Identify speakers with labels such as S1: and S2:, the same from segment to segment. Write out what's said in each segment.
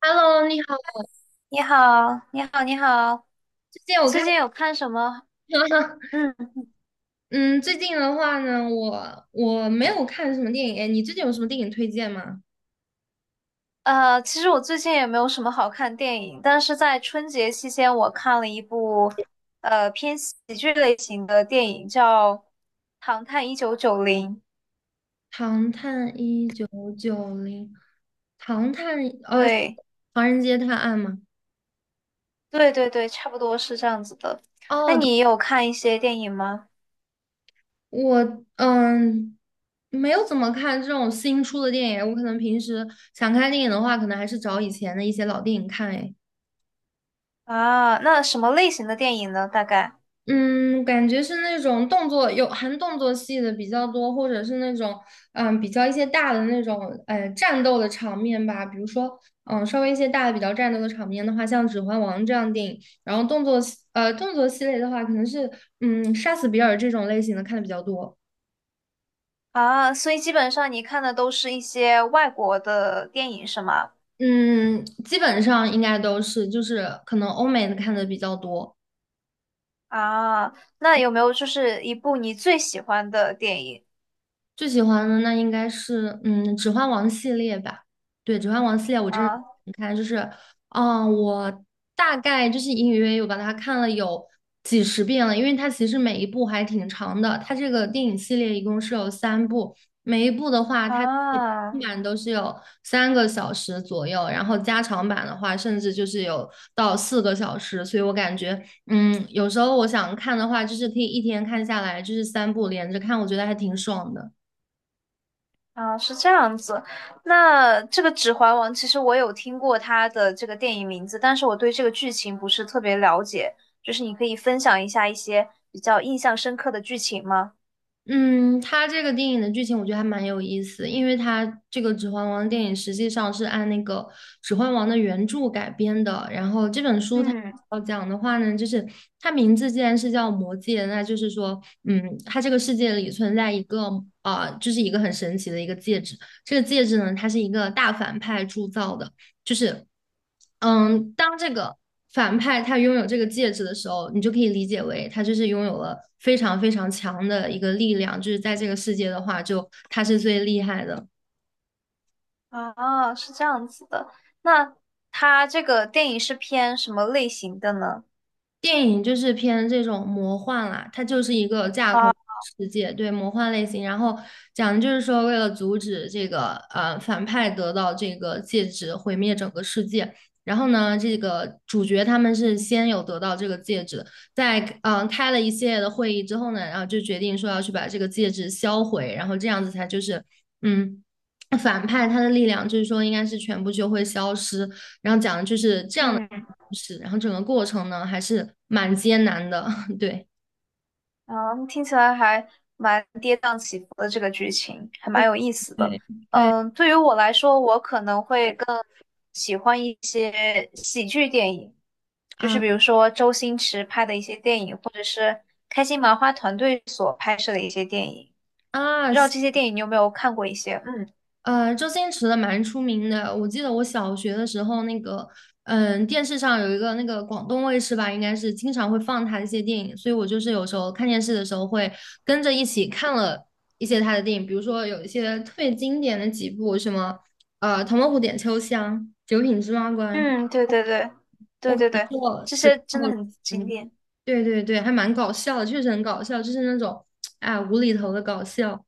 S1: Hello，你好。
S2: 你好，你好，你好，
S1: 最近
S2: 你
S1: 我
S2: 最
S1: 看，
S2: 近有看什么？嗯，
S1: 嗯，最近的话呢，我没有看什么电影。哎，你最近有什么电影推荐吗？
S2: 其实我最近也没有什么好看电影，但是在春节期间，我看了一部偏喜剧类型的电影，叫《唐探一九九零》。
S1: 《唐探一九九零》，《唐探》呃，
S2: 对，
S1: 《唐人街探案》吗？
S2: 对对对，差不多是这样子的。那
S1: 哦，
S2: 你有看一些电影吗？
S1: 我没有怎么看这种新出的电影。我可能平时想看电影的话，可能还是找以前的一些老电影看。哎，
S2: 啊，那什么类型的电影呢？大概
S1: 嗯，感觉是那种动作有含动作戏的比较多，或者是那种比较一些大的那种战斗的场面吧，比如说稍微一些大的比较战斗的场面的话，像《指环王》这样的电影，然后动作系列的话，可能是杀死比尔这种类型的看的比较多，
S2: 啊，所以基本上你看的都是一些外国的电影，是吗？
S1: 嗯基本上应该都是就是可能欧美的看的比较多。
S2: 啊，那有没有就是一部你最喜欢的电影
S1: 最喜欢的那应该是《指环王》系列吧。对，《指环王》系列我真的
S2: 啊
S1: 你看，就是我大概就是隐隐约约有把它看了有几十遍了，因为它其实每一部还挺长的。它这个电影系列一共是有三部，每一部的话它基
S2: 啊
S1: 本都是有3个小时左右，然后加长版的话甚至就是有到4个小时，所以我感觉有时候我想看的话，就是可以一天看下来，就是三部连着看，我觉得还挺爽的。
S2: 啊？是这样子。那这个《指环王》其实我有听过它的这个电影名字，但是我对这个剧情不是特别了解。就是你可以分享一下一些比较印象深刻的剧情吗？
S1: 嗯，它这个电影的剧情我觉得还蛮有意思，因为它这个《指环王》电影实际上是按那个《指环王》的原著改编的。然后这本书它
S2: 嗯
S1: 要讲的话呢，就是它名字既然是叫《魔戒》，那就是说，它这个世界里存在一个就是一个很神奇的一个戒指。这个戒指呢，它是一个大反派铸造的。就是，当这个反派他拥有这个戒指的时候，你就可以理解为他就是拥有了非常非常强的一个力量，就是在这个世界的话，就他是最厉害的。
S2: 啊，是这样子的。那它这个电影是偏什么类型的呢？
S1: 电影就是偏这种魔幻啦，它就是一个架空
S2: 啊，
S1: 世界，对，魔幻类型。然后讲的就是说，为了阻止这个反派得到这个戒指，毁灭整个世界。然后呢，这个主角他们是先有得到这个戒指，在开了一系列的会议之后呢，然后就决定说要去把这个戒指销毁，然后这样子才就是嗯。反派他的力量就是说，应该是全部就会消失，然后讲的就是这样的
S2: 嗯。
S1: 故事，然后整个过程呢还是蛮艰难的，对。
S2: 嗯，听起来还蛮跌宕起伏的这个剧情，还蛮
S1: 对
S2: 有意思的。
S1: 对，对
S2: 嗯，对于我来说，我可能会更喜欢一些喜剧电影，就是
S1: 啊
S2: 比如说周星驰拍的一些电影，或者是开心麻花团队所拍摄的一些电影。
S1: 啊，
S2: 不知道这些电影你有没有看过一些？嗯
S1: 周星驰的蛮出名的。我记得我小学的时候，那个电视上有一个那个广东卫视吧，应该是经常会放他的一些电影，所以我就是有时候看电视的时候会跟着一起看了一些他的电影，比如说有一些特别经典的几部，什么《唐伯虎点秋香》《九品芝麻官》，
S2: 嗯，对对对
S1: 我
S2: 对
S1: 可
S2: 对
S1: 能
S2: 对，
S1: 就
S2: 这
S1: 只
S2: 些
S1: 看
S2: 真的
S1: 过
S2: 很经典。
S1: 对对对，还蛮搞笑的，确实很搞笑，就是那种啊无厘头的搞笑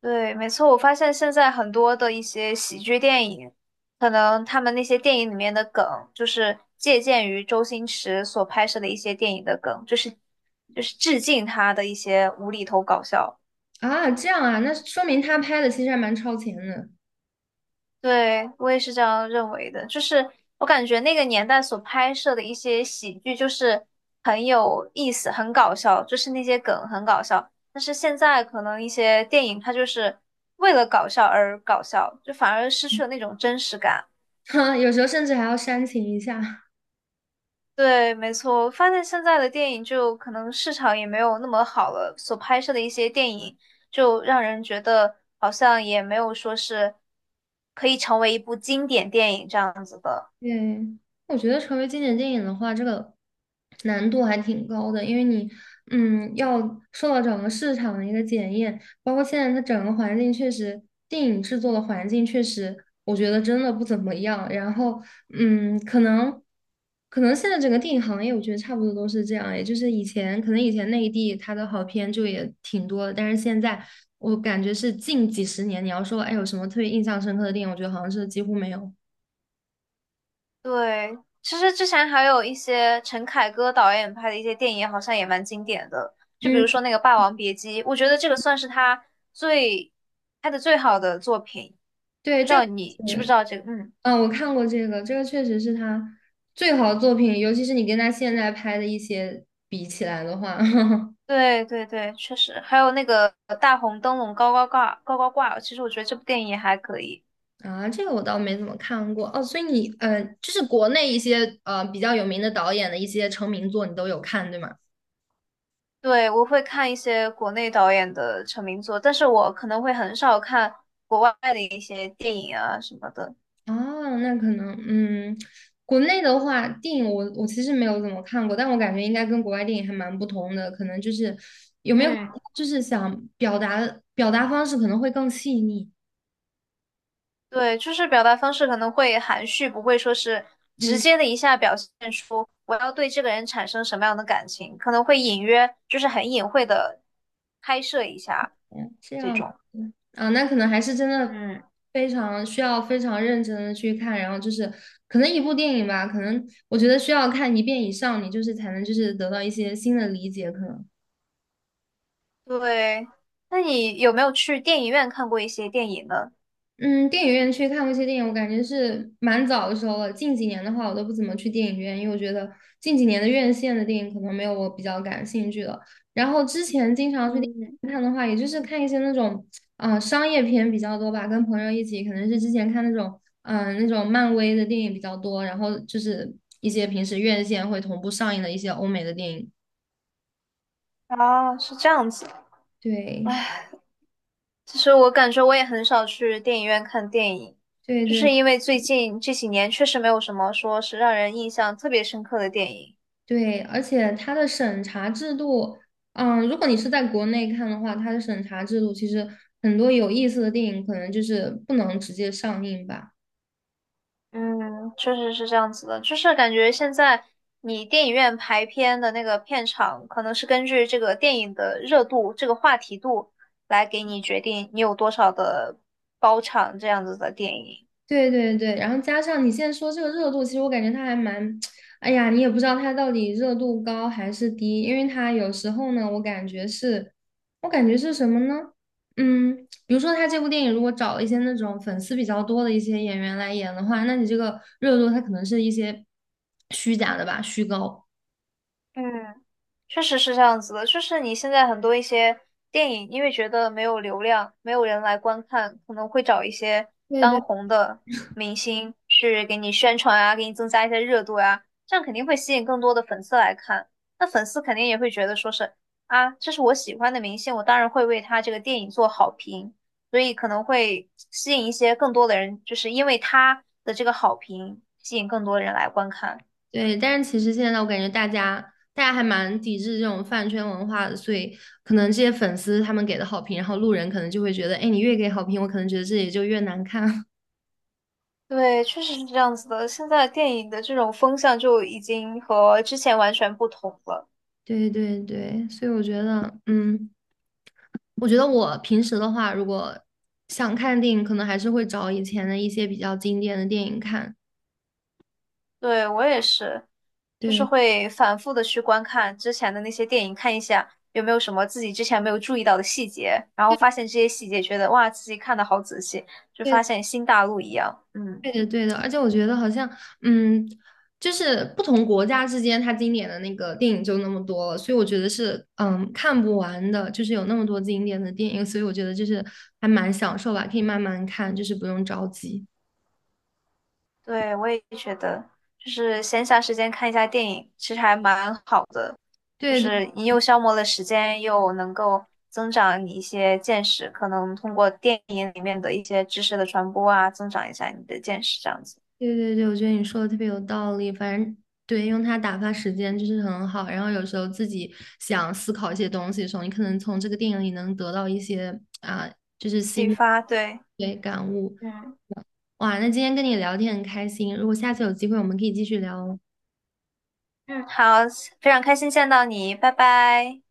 S2: 对，没错，我发现现在很多的一些喜剧电影，可能他们那些电影里面的梗，就是借鉴于周星驰所拍摄的一些电影的梗，就是致敬他的一些无厘头搞笑。
S1: 啊，这样啊，那说明他拍的其实还蛮超前的，
S2: 对，我也是这样认为的，就是我感觉那个年代所拍摄的一些喜剧，就是很有意思，很搞笑，就是那些梗很搞笑。但是现在可能一些电影，它就是为了搞笑而搞笑，就反而失去了那种真实感。
S1: 哈，有时候甚至还要煽情一下。
S2: 对，没错，我发现现在的电影就可能市场也没有那么好了，所拍摄的一些电影就让人觉得好像也没有说是可以成为一部经典电影这样子的。
S1: 对，我觉得成为经典电影的话，这个难度还挺高的，因为你，要受到整个市场的一个检验，包括现在它整个环境确实，电影制作的环境确实，我觉得真的不怎么样。然后，嗯，可能，可能现在整个电影行业，我觉得差不多都是这样，也就是以前，可能以前内地它的好片就也挺多的，但是现在我感觉是近几十年，你要说，哎，有什么特别印象深刻的电影，我觉得好像是几乎没有。
S2: 对，其实之前还有一些陈凯歌导演拍的一些电影，好像也蛮经典的，就比如
S1: 嗯。
S2: 说那个《霸王别姬》，我觉得这个算是他最拍的最好的作品，
S1: 对，
S2: 不知
S1: 这个
S2: 道你知不知
S1: 是，
S2: 道这个？嗯。
S1: 我看过这个，这个确实是他最好的作品，尤其是你跟他现在拍的一些比起来的话，
S2: 对对对，确实，还有那个大红灯笼高高挂，其实我觉得这部电影也还可以。
S1: 啊，这个我倒没怎么看过哦。所以你，就是国内一些比较有名的导演的一些成名作，你都有看，对吗？
S2: 对，我会看一些国内导演的成名作，但是我可能会很少看国外的一些电影啊什么的。
S1: 哦，那可能，国内的话，电影我其实没有怎么看过，但我感觉应该跟国外电影还蛮不同的，可能就是有没有
S2: 嗯，
S1: 就是想表达方式可能会更细腻，
S2: 对，就是表达方式可能会含蓄，不会说是直
S1: 嗯。
S2: 接的一下表现出我要对这个人产生什么样的感情，可能会隐约，就是很隐晦的拍摄一下
S1: 嗯这
S2: 这
S1: 样子
S2: 种。
S1: 啊，那可能还是真的
S2: 嗯。
S1: 非常需要非常认真的去看，然后就是可能一部电影吧，可能我觉得需要看一遍以上，你就是才能就是得到一些新的理解，可能。
S2: 对，那你有没有去电影院看过一些电影呢？
S1: 嗯，电影院去看过一些电影，我感觉是蛮早的时候了。近几年的话，我都不怎么去电影院，因为我觉得近几年的院线的电影可能没有我比较感兴趣的。然后之前经常去电
S2: 嗯，
S1: 影院看的话，也就是看一些那种商业片比较多吧，跟朋友一起，可能是之前看那种漫威的电影比较多，然后就是一些平时院线会同步上映的一些欧美的电影。
S2: 啊，是这样子。
S1: 对
S2: 唉，其实我感觉我也很少去电影院看电影，
S1: 对
S2: 就
S1: 对。
S2: 是因为最近这几年确实没有什么说是让人印象特别深刻的电影。
S1: 对，而且它的审查制度，如果你是在国内看的话，它的审查制度其实很多有意思的电影可能就是不能直接上映吧。
S2: 嗯，确实是这样子的，就是感觉现在你电影院排片的那个片场，可能是根据这个电影的热度、这个话题度来给你决定你有多少的包场这样子的电影。
S1: 对对对，然后加上你现在说这个热度，其实我感觉它还蛮，哎呀，你也不知道它到底热度高还是低，因为它有时候呢，我感觉是什么呢？嗯，比如说他这部电影如果找了一些那种粉丝比较多的一些演员来演的话，那你这个热度它可能是一些虚假的吧，虚高。
S2: 嗯，确实是这样子的，就是你现在很多一些电影，因为觉得没有流量，没有人来观看，可能会找一些
S1: 对
S2: 当
S1: 对
S2: 红的明星去给你宣传啊，给你增加一些热度呀。这样肯定会吸引更多的粉丝来看。那粉丝肯定也会觉得说是啊，这是我喜欢的明星，我当然会为他这个电影做好评，所以可能会吸引一些更多的人，就是因为他的这个好评，吸引更多人来观看。
S1: 对，但是其实现在我感觉大家还蛮抵制这种饭圈文化的，所以可能这些粉丝他们给的好评，然后路人可能就会觉得，哎，你越给好评，我可能觉得自己就越难看。
S2: 对，确实是这样子的。现在电影的这种风向就已经和之前完全不同了。
S1: 对对对，所以我觉得，我觉得我平时的话，如果想看电影，可能还是会找以前的一些比较经典的电影看。
S2: 对，我也是，就是
S1: 对，
S2: 会反复的去观看之前的那些电影，看一下有没有什么自己之前没有注意到的细节，然后发现这些细节，觉得哇，自己看的好仔细，就发
S1: 对
S2: 现新大陆一样。嗯。
S1: 对的，对的，而且我觉得好像，嗯，就是不同国家之间，它经典的那个电影就那么多了，所以我觉得是，看不完的，就是有那么多经典的电影，所以我觉得就是还蛮享受吧，可以慢慢看，就是不用着急。
S2: 对，我也觉得，就是闲暇时间看一下电影，其实还蛮好的，就
S1: 对对。
S2: 是你又消磨了时间，又能够增长你一些见识，可能通过电影里面的一些知识的传播啊，增长一下你的见识，这样子
S1: 对对对，我觉得你说的特别有道理。反正对，用它打发时间就是很好。然后有时候自己想思考一些东西的时候，你可能从这个电影里能得到一些啊，就是新
S2: 启发。对，
S1: 对感悟。
S2: 嗯
S1: 哇，那今天跟你聊天很开心，如果下次有机会，我们可以继续聊哦。
S2: 嗯，好，非常开心见到你，拜拜。